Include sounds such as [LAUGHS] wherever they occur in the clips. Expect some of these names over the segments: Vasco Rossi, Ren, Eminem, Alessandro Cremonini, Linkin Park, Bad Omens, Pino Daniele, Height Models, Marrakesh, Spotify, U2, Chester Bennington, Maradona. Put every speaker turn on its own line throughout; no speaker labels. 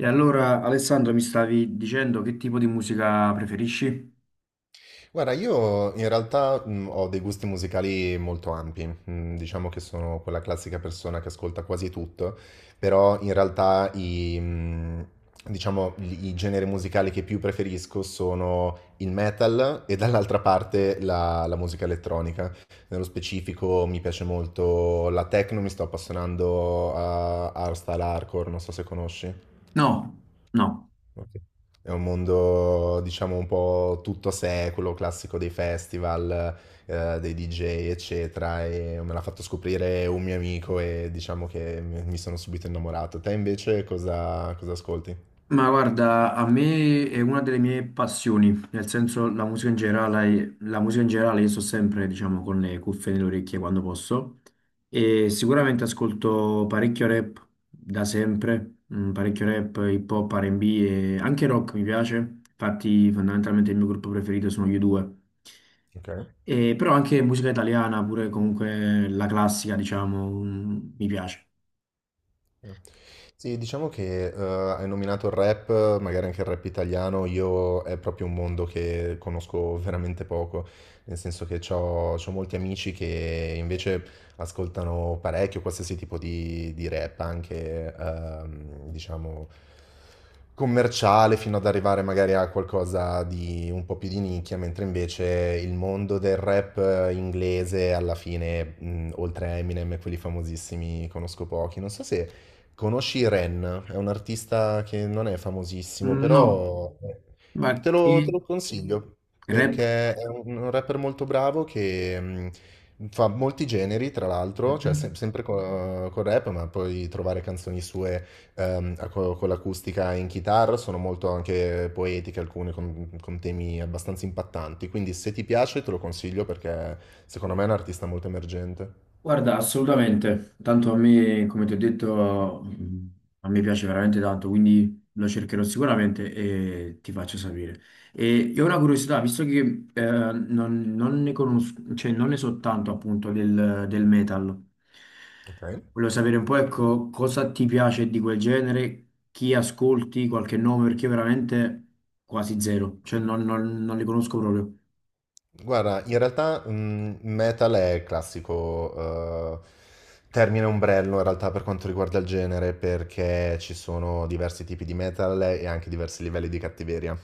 E allora, Alessandro, mi stavi dicendo che tipo di musica preferisci?
Guarda, io in realtà ho dei gusti musicali molto ampi. Diciamo che sono quella classica persona che ascolta quasi tutto, però in realtà diciamo, i generi musicali che più preferisco sono il metal e dall'altra parte la musica elettronica. Nello specifico mi piace molto la techno, mi sto appassionando a hardstyle hardcore, non so se conosci.
No, no.
Ok. È un mondo, diciamo, un po' tutto secolo, classico dei festival, dei DJ, eccetera, e me l'ha fatto scoprire un mio amico e diciamo che mi sono subito innamorato. Te invece cosa, cosa ascolti?
Ma guarda, a me è una delle mie passioni, nel senso la musica in generale, la musica in generale io sto sempre, diciamo, con le cuffie nelle orecchie quando posso e sicuramente ascolto parecchio rap da sempre, parecchio rap, hip hop, R&B e anche rock mi piace, infatti fondamentalmente il mio gruppo preferito sono gli due
Ok.
e, però anche musica italiana, pure comunque la classica, diciamo, mi piace.
Mm. Sì, diciamo che hai nominato il rap, magari anche il rap italiano, io è proprio un mondo che conosco veramente poco, nel senso che ho molti amici che invece ascoltano parecchio qualsiasi tipo di rap, anche diciamo commerciale, fino ad arrivare magari a qualcosa di un po' più di nicchia, mentre invece il mondo del rap inglese alla fine, oltre a Eminem e quelli famosissimi, conosco pochi. Non so se... Conosci Ren, è un artista che non è famosissimo,
Mm, no,
però
ma
te
che
lo consiglio
rap?
perché è un rapper molto bravo che fa molti generi, tra l'altro, cioè
Mhm.
sempre col rap, ma puoi trovare canzoni sue con l'acustica in chitarra, sono molto anche poetiche, alcune con temi abbastanza impattanti, quindi se ti piace te lo consiglio perché secondo me è un artista molto emergente.
Guarda, assolutamente, tanto a me, come ti ho detto, a me piace veramente tanto, quindi lo cercherò sicuramente e ti faccio sapere. E ho una curiosità, visto che non ne conosco, cioè non ne so tanto appunto del metal,
Ok?
volevo sapere un po' ecco cosa ti piace di quel genere, chi ascolti, qualche nome, perché io veramente quasi zero, cioè non li conosco proprio,
Guarda, in realtà metal è il classico termine ombrello in realtà per quanto riguarda il genere, perché ci sono diversi tipi di metal e anche diversi livelli di cattiveria.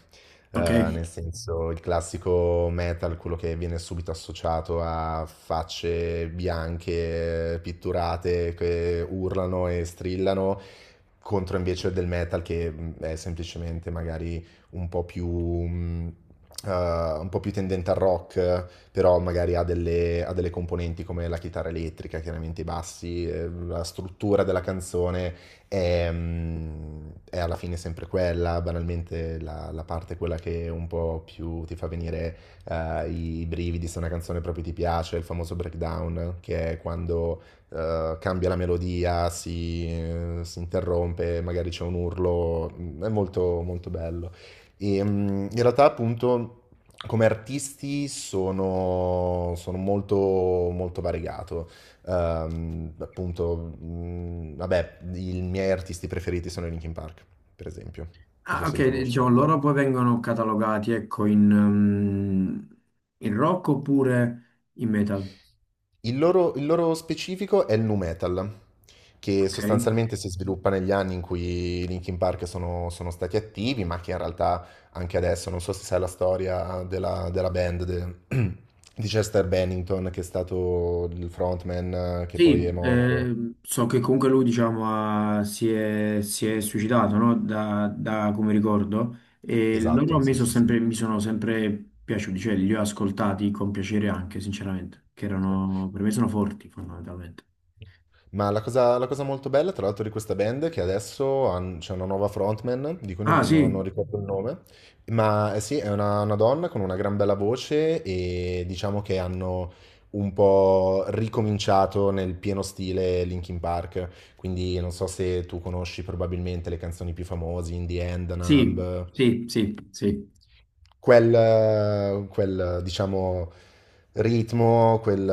Eh,
ok?
Nel senso, il classico metal, quello che viene subito associato a facce bianche, pitturate, che urlano e strillano, contro invece del metal che è semplicemente magari un po' più, mh, un po' più tendente al rock, però magari ha delle componenti come la chitarra elettrica, chiaramente i bassi, la struttura della canzone è alla fine sempre quella, banalmente la parte è quella che un po' più ti fa venire i brividi se una canzone proprio ti piace, il famoso breakdown, che è quando cambia la melodia, si, si interrompe, magari c'è un urlo. Mm, è molto, molto bello. E, in realtà, appunto, come artisti sono molto, molto variegato. Vabbè, i miei artisti preferiti sono i Linkin Park, per esempio. Non so
Ah,
se li
ok,
conosco.
diciamo, loro poi vengono catalogati, ecco, in rock oppure in metal,
Il loro specifico è il nu metal, che
ok?
sostanzialmente si sviluppa negli anni in cui i Linkin Park sono stati attivi, ma che in realtà anche adesso, non so se sai la storia della band [CLEARS THROAT] di Chester Bennington, che è stato il frontman che poi è
Sì,
morto.
so che comunque lui, diciamo, si è suicidato, no? Da come ricordo, e loro a
Esatto,
me
sì,
sono
sì, sì.
sempre, mi sono sempre piaciuti, cioè li ho ascoltati con piacere anche, sinceramente, che
Sì.
erano, per me sono forti, fondamentalmente.
Ma la cosa molto bella, tra l'altro, di questa band è che adesso c'è una nuova frontman, di cui
Ah,
non
sì,
ricordo il nome, ma eh sì, è una donna con una gran bella voce e diciamo che hanno un po' ricominciato nel pieno stile Linkin Park, quindi non so se tu conosci probabilmente le canzoni più famose, In the End,
sì,
Numb,
sì, sì, sì.
diciamo, ritmo, quel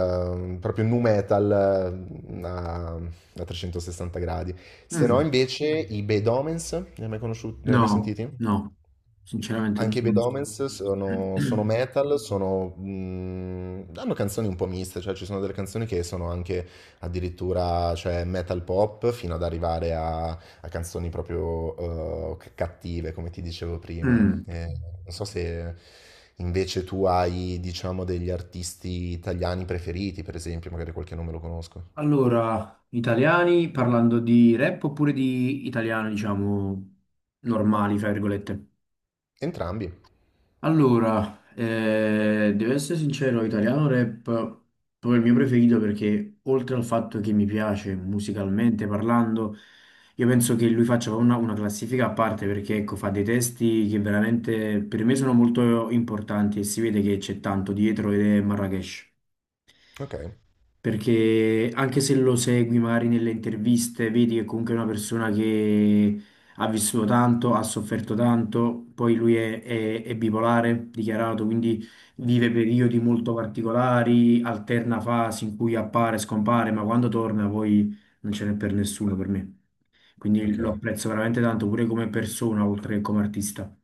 proprio nu metal a 360 gradi. Se no,
Mm,
invece, i Bad Omens, ne hai mai conosciuti, ne hai mai
no,
sentiti?
no, sinceramente non lo
Anche i Bad
conosco.
Omens sono,
[CLEARS THROAT]
sono metal. Sono, hanno canzoni un po' miste, cioè ci sono delle canzoni che sono anche addirittura cioè, metal pop fino ad arrivare a canzoni proprio cattive, come ti dicevo prima.
Mm.
Eh, Non so se invece tu hai, diciamo, degli artisti italiani preferiti, per esempio, magari qualche nome lo conosco.
Allora, italiani parlando di rap oppure di italiano, diciamo, normali, fra virgolette.
Entrambi.
Allora, devo essere sincero, italiano rap è proprio il mio preferito perché oltre al fatto che mi piace musicalmente parlando, io penso che lui faccia una classifica a parte perché ecco, fa dei testi che veramente per me sono molto importanti e si vede che c'è tanto dietro ed è Marrakesh.
Ok,
Perché anche se lo segui magari nelle interviste, vedi che comunque è una persona che ha vissuto tanto, ha sofferto tanto, poi lui è bipolare, dichiarato, quindi vive periodi molto particolari, alterna fasi in cui appare, scompare, ma quando torna poi non ce n'è per nessuno per me. Quindi
ok,
lo apprezzo veramente tanto pure come persona, oltre che come artista.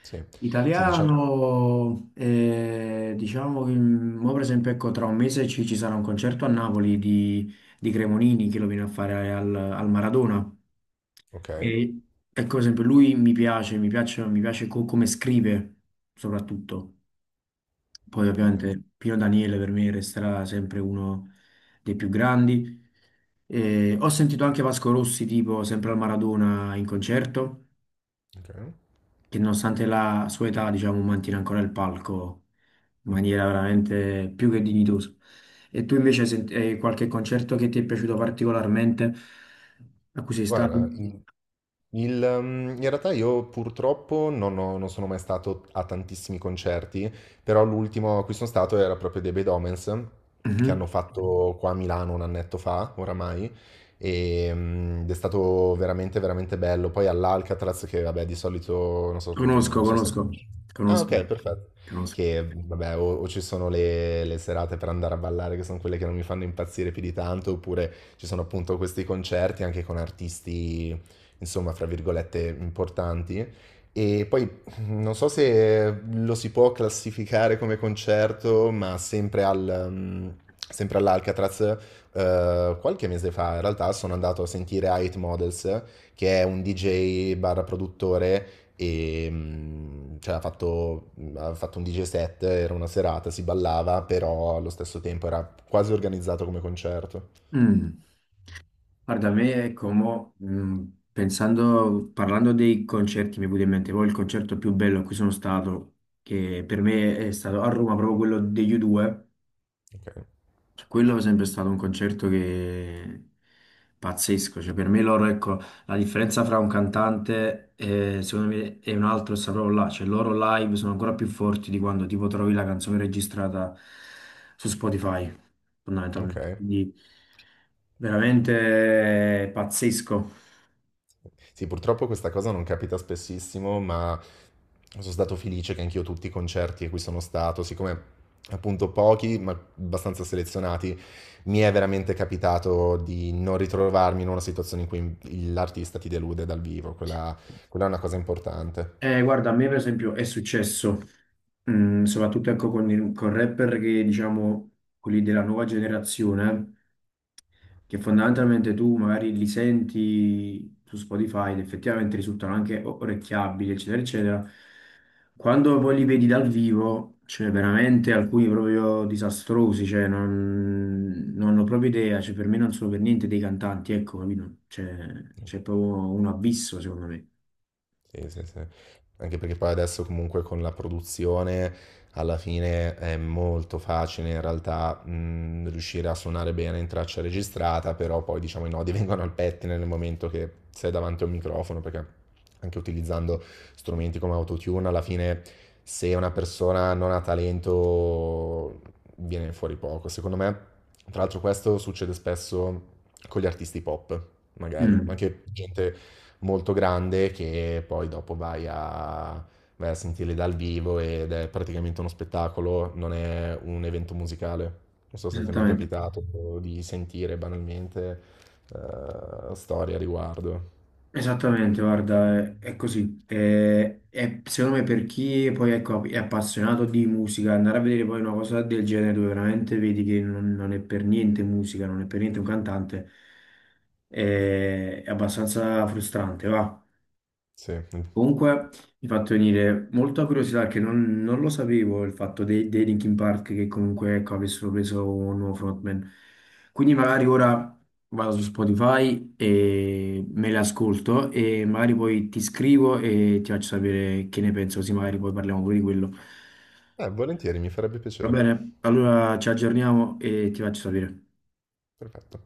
sì. Sì, diciamo.
Italiano, diciamo che mo per esempio ecco, tra un mese ci sarà un concerto a Napoli di Cremonini che lo viene a fare al Maradona.
Ok,
E ecco, per esempio, lui mi piace come scrive soprattutto. Poi
ok,
ovviamente Pino Daniele per me resterà sempre uno dei più grandi. Ho sentito anche Vasco Rossi tipo sempre al Maradona in concerto
ok.
che nonostante la sua età, diciamo, mantiene ancora il palco in maniera veramente più che dignitosa. E tu invece hai qualche concerto che ti è piaciuto particolarmente, a cui sei stato?
Guarda, i- in realtà io purtroppo non sono mai stato a tantissimi concerti, però l'ultimo a cui sono stato era proprio dei Bad Omens, che
Mhm.
hanno fatto qua a Milano un annetto fa, oramai, e, ed è stato veramente, veramente bello. Poi all'Alcatraz, che vabbè di solito, non so,
Conosco,
non so se
conosco,
conosci. Ah
conosco,
ok, perfetto.
conosco.
Che vabbè, o ci sono le serate per andare a ballare, che sono quelle che non mi fanno impazzire più di tanto, oppure ci sono appunto questi concerti anche con artisti insomma, fra virgolette, importanti. E poi non so se lo si può classificare come concerto, ma sempre all'Alcatraz, qualche mese fa in realtà sono andato a sentire Height Models, che è un DJ barra produttore e cioè, ha fatto un DJ set, era una serata, si ballava, però allo stesso tempo era quasi organizzato come concerto.
Mm. Guarda, a me, ecco, mo, pensando, parlando dei concerti, mi è venuto in mente poi il concerto più bello a cui sono stato, che per me è stato a Roma, proprio quello degli U2.
Ok,
Cioè, quello è sempre stato un concerto che pazzesco, cioè per me loro, ecco, la differenza fra un cantante e, secondo me e un altro sta proprio là, cioè loro live sono ancora più forti di quando tipo trovi la canzone registrata su Spotify, fondamentalmente,
ok.
quindi veramente pazzesco.
Sì, purtroppo questa cosa non capita spessissimo, ma sono stato felice che anch'io tutti i concerti a cui sono stato, siccome appunto pochi, ma abbastanza selezionati, mi è veramente capitato di non ritrovarmi in una situazione in cui l'artista ti delude dal vivo, quella è una cosa importante.
Guarda, a me per esempio è successo, soprattutto ecco con rapper che diciamo quelli della nuova generazione. Che fondamentalmente tu magari li senti su Spotify ed effettivamente risultano anche orecchiabili, eccetera, eccetera. Quando poi li vedi dal vivo, cioè veramente alcuni proprio disastrosi, cioè non ho proprio idea, cioè per me non sono per niente dei cantanti, ecco, capito? Cioè, c'è proprio un abisso, secondo me.
Sì, sì, sì. Anche perché poi adesso comunque con la produzione alla fine è molto facile in realtà riuscire a suonare bene in traccia registrata, però poi diciamo i nodi [LAUGHS] vengono al pettine nel momento che sei davanti a un microfono, perché anche utilizzando strumenti come Autotune, alla fine se una persona non ha talento viene fuori poco. Secondo me, tra l'altro questo succede spesso con gli artisti pop, magari, ma
Mm,
anche gente molto grande che poi dopo vai a sentire dal vivo ed è praticamente uno spettacolo, non è un evento musicale. Non so se ti è mai
esattamente.
capitato di sentire banalmente storie a riguardo.
Esattamente, guarda, è così. È secondo me per chi poi ecco, è appassionato di musica, andare a vedere poi una cosa del genere dove veramente vedi che non è per niente musica, non è per niente un cantante, è abbastanza frustrante, va.
Sì,
Comunque mi ha fatto venire molta curiosità che non, non lo sapevo il fatto dei Linkin Park che comunque ecco, avessero preso un nuovo frontman. Quindi magari ora vado su Spotify e me le ascolto e magari poi ti scrivo e ti faccio sapere che ne penso, così magari poi parliamo pure di quello.
volentieri, mi farebbe
Va
piacere.
bene, allora ci aggiorniamo e ti faccio sapere.
Perfetto.